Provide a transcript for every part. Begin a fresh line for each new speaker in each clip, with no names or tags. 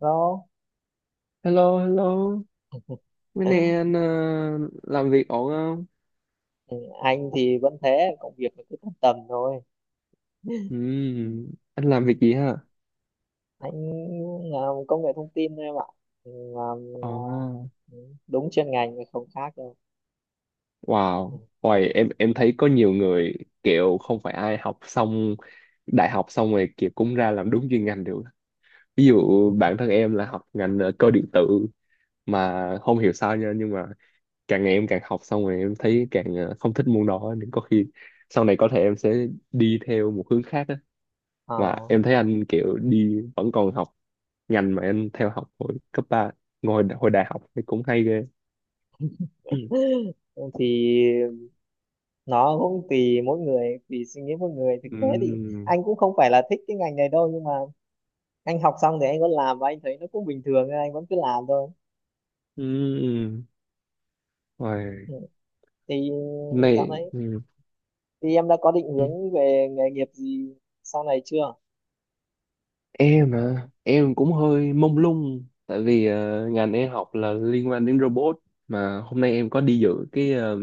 Đó.
Hello, hello. Mấy nay anh làm việc ổn không?
Ừ, anh thì vẫn thế, công việc nó cứ tầm tầm thôi.
Anh làm việc gì ha?
Anh làm công nghệ thông tin thôi em ạ. Ừ, làm, à,
Ồ,
ừ, đúng chuyên ngành nhưng không khác đâu.
wow.
Ừ.
Ôi, em thấy có nhiều người kiểu không phải ai học xong đại học xong rồi kiểu cũng ra làm đúng chuyên ngành được. Ví dụ bản thân em là học ngành cơ điện tử mà không hiểu sao nha nhưng mà càng ngày em càng học xong rồi em thấy càng không thích môn đó nên có khi sau này có thể em sẽ đi theo một hướng khác á.
Ờ.
Mà em thấy anh kiểu đi vẫn còn học ngành mà em theo học hồi cấp 3, ngồi hồi đại học thì cũng hay ghê.
Thì nó cũng tùy mỗi người, tùy suy nghĩ mỗi người, thực tế thì
Ừm,
anh cũng không phải là thích cái ngành này đâu, nhưng mà anh học xong thì anh vẫn làm và anh thấy nó cũng bình thường nên anh vẫn cứ làm thôi.
ừm. Ôi,
Ừ. Thì
hôm
dạo
nay
này thì em đã có định
ừm.
hướng về nghề nghiệp gì sau này chưa?
em à, em cũng hơi mông lung tại vì ngành em học là liên quan đến robot mà hôm nay em có đi dự cái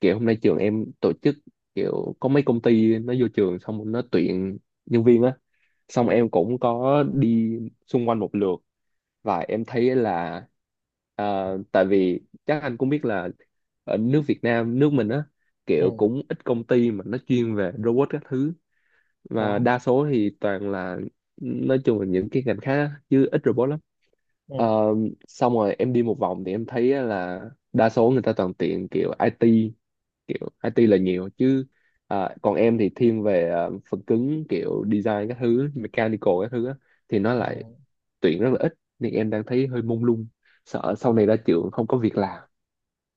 kiểu hôm nay trường em tổ chức kiểu có mấy công ty nó vô trường xong nó tuyển nhân viên á, xong
Ừ.
em cũng có đi xung quanh một lượt và em thấy là tại vì chắc anh cũng biết là ở nước Việt Nam nước mình á, kiểu
Ừ.
cũng ít công ty mà nó chuyên về robot các thứ, và
Đó.
đa số thì toàn là nói chung là những cái ngành khác á, chứ ít robot lắm. Ờ,
Ừ,
xong rồi em đi một vòng thì em thấy á là đa số người ta toàn tiện kiểu IT, kiểu IT là nhiều chứ à, còn em thì thiên về phần cứng kiểu design các thứ mechanical các thứ á, thì nó
ừ.
lại tuyển rất là ít nên em đang thấy hơi mông lung, sợ sau này ra trường không có việc làm.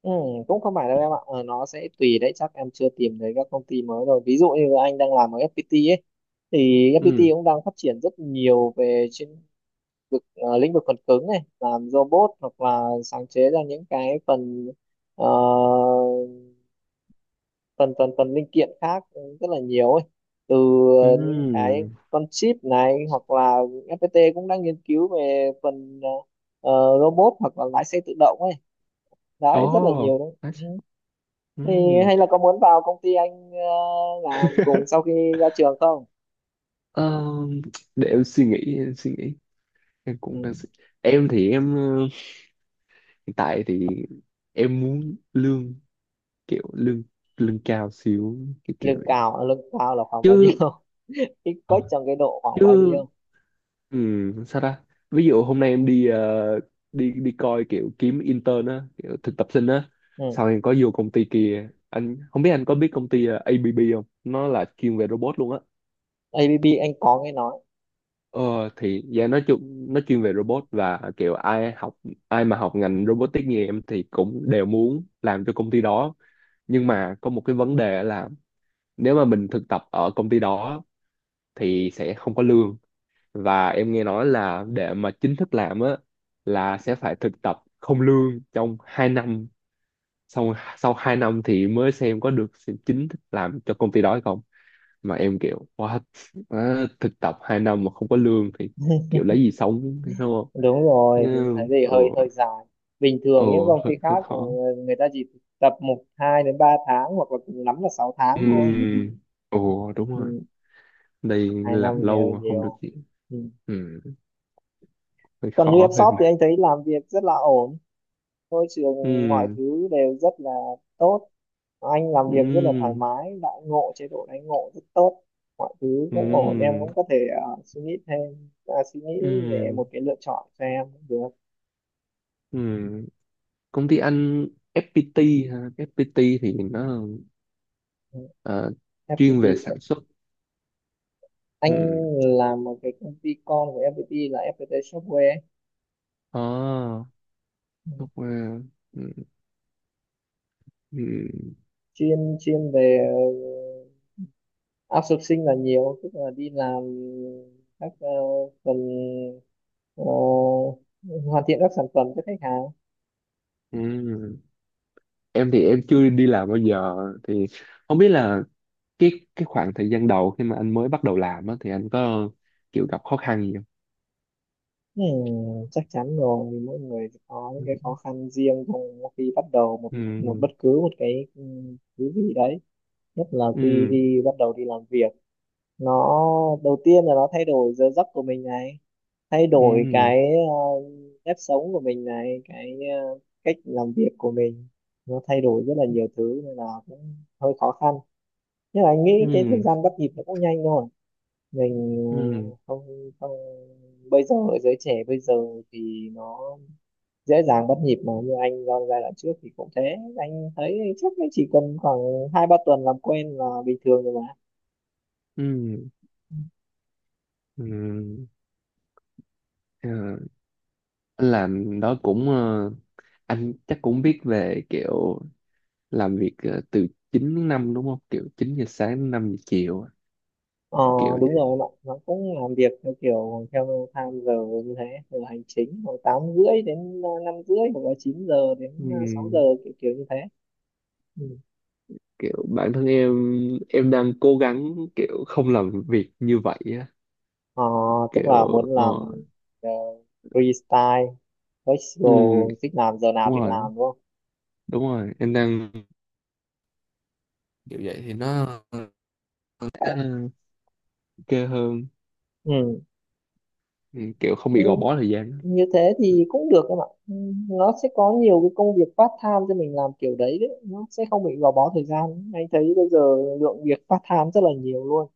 Ừ, cũng không phải đâu em ạ, nó sẽ tùy đấy, chắc em chưa tìm thấy các công ty mới rồi. Ví dụ như anh đang làm ở FPT ấy thì FPT
Ừ,
cũng đang phát triển rất nhiều về trên vực, lĩnh vực phần cứng này, làm robot hoặc là sáng chế ra những cái phần, ờ, phần linh kiện khác rất là nhiều ấy, từ
ừ,
những cái con chip này, hoặc là FPT cũng đang nghiên cứu về phần, robot hoặc là lái xe tự động ấy, đấy rất là
oh
nhiều đấy.
that's...
Ừ.
ừ.
Thì hay là có muốn vào công ty anh, làm cùng sau khi ra trường không?
Ờm, để em suy nghĩ, em
Ừ.
cũng đang suy... Em thì em hiện tại thì em muốn lương, kiểu lương lương cao xíu, cái kiểu
Lương
vậy.
cao à? Lương cao là khoảng bao nhiêu?
Chứ ờ,
Expect trong cái độ khoảng bao
chứ
nhiêu?
Ừ, sao ta? Ví dụ hôm nay em đi đi đi coi kiểu kiếm intern á, kiểu thực tập sinh á,
Ừ.
sau em có vô công ty kia, anh không biết anh có biết công ty ABB không? Nó là chuyên về robot luôn á.
ABB anh có nghe nói.
Ờ, thì dạ nói chung nó chuyên về robot và kiểu ai mà học ngành robotics như em thì cũng đều muốn làm cho công ty đó. Nhưng mà có một cái vấn đề là nếu mà mình thực tập ở công ty đó thì sẽ không có lương, và em nghe nói là để mà chính thức làm á là sẽ phải thực tập không lương trong 2 năm, xong sau 2 năm thì mới xem có được chính thức làm cho công ty đó hay không. Mà em kiểu what, á, thực tập 2 năm mà không có lương thì kiểu lấy gì sống đúng không.
Đúng
Ừ,
rồi, thì thấy gì
ừ,
hơi hơi dài. Bình
ừ,
thường những công ty
hơi, hơi
khác mà,
khó.
người ta chỉ thực tập một hai đến 3 tháng hoặc là cùng lắm là 6 tháng thôi.
Ừ, ừ, đúng rồi,
Ừ.
đây
hai
làm
năm thì
lâu
hơi
mà không được
nhiều.
gì.
Ừ.
Ừ, hơi
Còn như em
khó hơi
shop thì
mệt.
anh thấy làm việc rất là ổn, môi trường mọi
Ừ,
thứ đều rất là tốt, anh làm việc rất là thoải
ừ,
mái, đãi ngộ chế độ đãi ngộ rất tốt, mọi thứ
ừ,
cũng ổn. Em cũng có thể, suy nghĩ thêm, à, suy
ừ,
nghĩ về một cái lựa chọn cho em cũng được.
ừ. Công ty anh FPT ha. FPT thì nó
Ừ,
ờ, chuyên
FPT.
về sản xuất.
Anh
Ừ.
làm một cái công ty con của FPT là FPT Software ấy.
À,
Ừ,
software. Ừ. Ừ.
chuyên chuyên về, ờ, outsourcing là nhiều, tức là đi làm các, phần, ờ, hoàn thiện các sản phẩm cho khách hàng.
Ừ. Em thì em chưa đi làm bao giờ thì không biết là cái cái khoảng thời gian đầu khi mà anh mới bắt đầu làm á, thì anh có kiểu gặp khó khăn gì không?
Ừ, chắc chắn rồi, vì mỗi người có những
Ừ.
cái khó khăn riêng trong khi bắt đầu một một
Ừ.
bất cứ một cái, ừ, thứ gì đấy, nhất là khi
Ừ.
bắt đầu đi làm việc. Nó đầu tiên là nó thay đổi giờ giấc của mình này, thay đổi
Ừ.
cái, ờ, nếp sống của mình này, cái, cách làm việc của mình, nó thay đổi rất là nhiều thứ nên là cũng hơi khó khăn, nhưng mà anh nghĩ cái thời
Ừ.
gian bắt nhịp nó cũng nhanh thôi. Mình,
Ừ.
không không bây giờ giới trẻ bây giờ thì nó dễ dàng bắt nhịp, mà như anh trong giai đoạn trước thì cũng thế. Anh thấy chắc là chỉ cần khoảng 2 3 tuần làm quen là bình thường rồi mà.
Ừ. Ừ. Ờ, anh làm đó cũng anh chắc cũng biết về kiểu làm việc từ 9 đến 5 đúng không? Kiểu 9 giờ sáng đến 5 giờ chiều,
ờ
cái kiểu
Đúng
vậy.
rồi em ạ, nó cũng làm việc theo kiểu theo time giờ như thế, từ hành chính khoảng 8:30 đến, 5:30, hoặc là 9 giờ đến, 6 giờ,
Ừm,
kiểu kiểu như thế. Ừ.
kiểu bản thân em đang cố gắng kiểu không làm việc như vậy á,
ờ, Tức là
kiểu
muốn
ờ
làm, ờ, freestyle,
ừm,
flexible, thích làm giờ nào
đúng
thì
rồi,
làm đúng không?
đúng rồi, em đang kiểu vậy thì nó ờ, ok hơn.
Ừ.
Kiểu không
Ừ,
bị gò bó thời gian.
như thế thì cũng được em ạ. Ừ, nó sẽ có nhiều cái công việc part time cho mình làm kiểu đấy, đấy. Nó sẽ không bị gò bó thời gian. Anh thấy bây giờ lượng việc part time rất là nhiều luôn.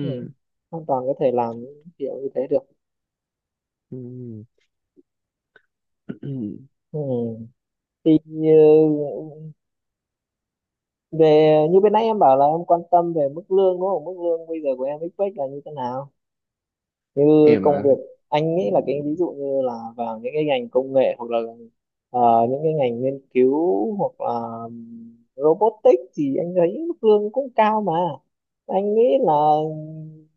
Ừ. Hoàn toàn có thể làm kiểu như thế được.
ừm.
Ừ. Thì ừ, về như bên nãy em bảo là em quan tâm về mức lương đúng không? Mức lương bây giờ của em expect là như thế nào, như
Em
công
à,
việc? Anh nghĩ là cái ví dụ như là vào những cái ngành công nghệ hoặc là, những cái ngành nghiên cứu hoặc là, robotics thì anh thấy mức lương cũng cao mà. Anh nghĩ là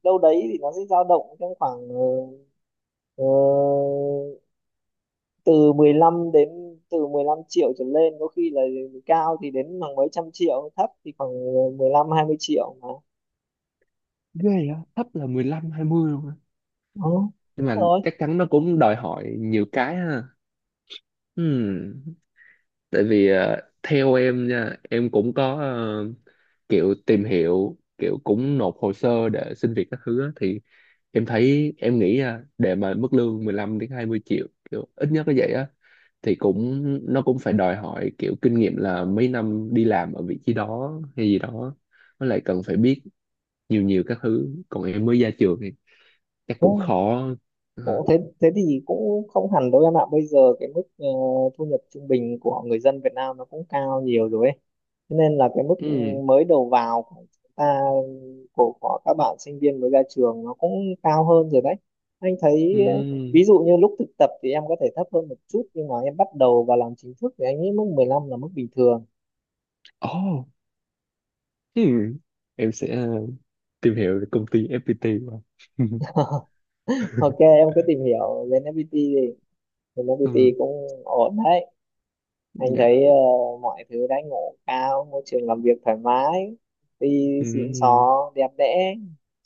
đâu đấy thì nó sẽ dao động trong khoảng, ờ, từ 15 đến từ 15 triệu trở lên, có khi là cao thì đến khoảng mấy trăm triệu, thấp thì khoảng 15 20 triệu mà.
ghê á, thấp là mười lăm hai mươi luôn á.
Đó,
Nhưng
đúng
mà
rồi.
chắc chắn nó cũng đòi hỏi nhiều cái ha. Ừm, Tại vì theo em nha, em cũng có kiểu tìm hiểu, kiểu cũng nộp hồ sơ để xin việc các thứ á, thì em thấy em nghĩ nha, để mà mức lương 15 đến 20 triệu kiểu ít nhất là vậy á thì cũng nó cũng phải đòi hỏi kiểu kinh nghiệm là mấy năm đi làm ở vị trí đó hay gì đó. Với lại cần phải biết nhiều nhiều các thứ, còn em mới ra trường thì chắc
Ừ,
cũng khó. Ừ.
cũng thế. Thế thì cũng không hẳn đâu em ạ. Bây giờ cái mức, thu nhập trung bình của người dân Việt Nam nó cũng cao nhiều rồi ấy. Thế nên là cái mức
Ừ.
mới đầu vào của chúng ta, của các bạn sinh viên mới ra trường nó cũng cao hơn rồi đấy. Anh thấy,
Ừ.
ví dụ như lúc thực tập thì em có thể thấp hơn một chút, nhưng mà em bắt đầu vào làm chính thức thì anh nghĩ mức 15 là mức bình thường.
Ồ. Ừ. Em sẽ tìm hiểu về công ty FPT của ông.
Ok, em cứ tìm hiểu lên FPT đi. Lên FPT
Ừ,
cũng ổn đấy. Anh
dạ,
thấy, mọi thứ đãi ngộ cao, môi trường làm việc thoải mái, đi xịn
ừ,
xò, đẹp đẽ,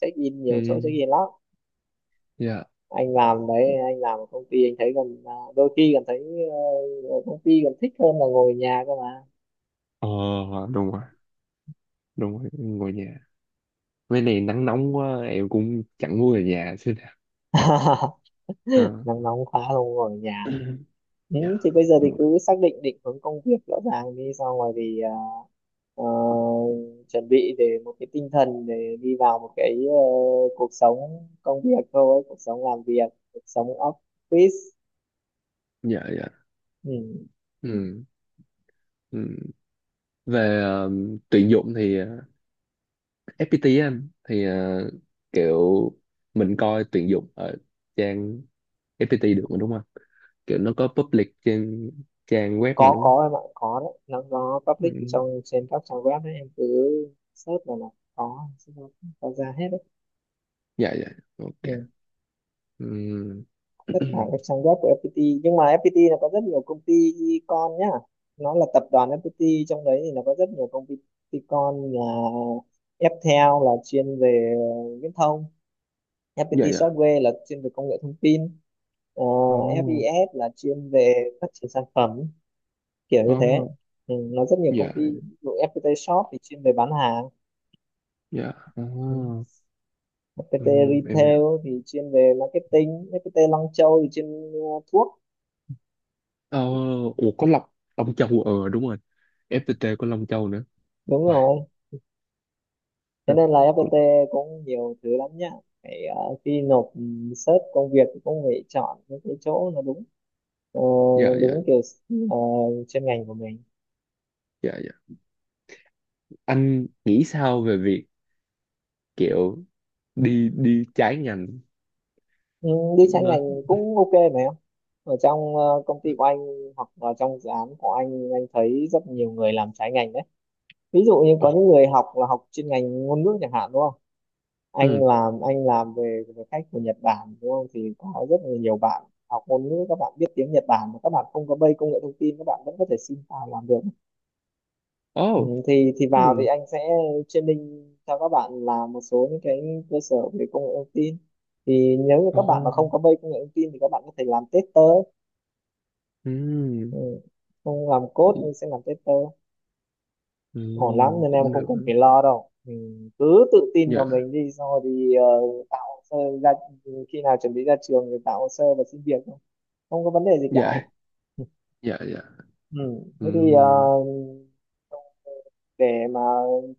check in nhiều chỗ, check
ừ,
in lắm.
dạ,
Anh làm ở công ty, anh thấy còn, à, đôi khi còn thấy, ờ, ở công ty còn thích hơn là ngồi ở nhà cơ mà.
ờ đúng rồi, đúng rồi, ngồi nhà mấy này nắng nóng quá em cũng chẳng muốn về nhà xíu nào. Ờ,
Nắng nóng quá không ngồi ở nhà. Ừ,
dạ
thì bây giờ thì
đúng rồi.
cứ xác định định hướng công việc rõ ràng đi, xong rồi thì, à, ờ, chuẩn bị để một cái tinh thần để đi vào một cái, cuộc sống công việc thôi, cuộc sống làm việc, cuộc sống office.
Dạ dạ,
Ừ.
ừ, ừ. Về tuyển dụng thì FPT á, anh thì kiểu mình coi tuyển dụng ở trang FPT được mà đúng không, kiểu nó có public trên trang web mà
có
đúng không.
có em ạ, có đấy, nó
Ừ.
public trên các trang web đấy, em cứ search là nó có ra hết đấy.
Dạ dạ, ok.
Ừ.
Ừm.
Tất cả các trang web của FPT, nhưng mà FPT nó có rất nhiều công ty con nhá. Nó là tập đoàn FPT, trong đấy thì nó có rất nhiều công ty con, là Ftel là chuyên về viễn thông,
Dạ
FPT
dạ,
Software là chuyên về công nghệ thông tin, ờ,
oh,
FES là chuyên về phát triển sản phẩm kiểu như thế.
oh,
Ừ, nó rất nhiều công
dạ
ty, ví dụ FPT Shop thì chuyên về bán hàng.
dạ,
Ừ.
oh.
FPT
Em hiểu.
Retail thì chuyên về marketing, FPT Long Châu thì chuyên, ờ, thuốc,
Oh, ủa có Long, Long Châu đúng rồi, FPT có Long Châu nữa.
đúng
Ôi.
rồi. Cho nên là
Cũng
FPT cũng nhiều thứ lắm nhá, phải, khi nộp, search công việc thì cũng phải chọn những cái chỗ nó đúng, ờ,
dạ dạ
đúng kiểu, ờ, chuyên ngành của mình.
dạ, dạ anh nghĩ sao về việc kiểu đi đi trái ngành
Ừ, đi trái ngành
nó,
cũng ok mà em, ở trong, công ty của anh hoặc là trong dự án của anh thấy rất nhiều người làm trái ngành đấy. Ví dụ như
ồ,
có những người học là học chuyên ngành ngôn ngữ chẳng hạn đúng không,
ừ,
anh làm về về khách của Nhật Bản đúng không, thì có rất là nhiều bạn học ngôn ngữ, các bạn biết tiếng Nhật Bản mà các bạn không có bay công nghệ thông tin, các bạn vẫn có thể xin vào làm được. Ừ,
ồ,
thì
ừ,
vào thì anh sẽ training cho các bạn làm một số những cái cơ sở về công nghệ thông tin, thì nếu như
ồ,
các bạn mà không có bay công nghệ thông tin thì các bạn có thể làm tester.
ừ,
Ừ. Không làm code
cũng,
nhưng sẽ làm tester,
ừ,
ổn lắm, nên em
cũng
không
được.
cần phải lo đâu, mình cứ tự tin vào
Dạ
mình đi, xong rồi thì, tạo hồ sơ ra. Khi nào chuẩn bị ra trường thì tạo hồ sơ và xin việc thôi, không có vấn đề gì
dạ
cả.
dạ dạ,
Ừ.
ừ,
Thế thì, để mà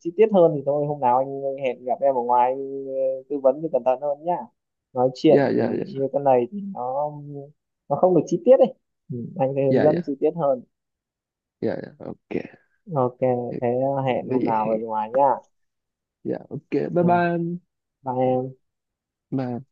chi tiết hơn thì thôi, hôm nào anh hẹn gặp em ở ngoài, anh, tư vấn thì cẩn thận hơn nhá. Nói chuyện
dạ dạ dạ
như thế này thì nó không được chi tiết đấy. Ừ. Anh sẽ hướng
dạ,
dẫn
dạ
chi tiết hơn.
dạ dạ, ok
Ok, thế hẹn hôm nào ở
vậy.
ngoài nhá.
Dạ ok, bye
Ừ.
bye anh.
Bye em.
Mà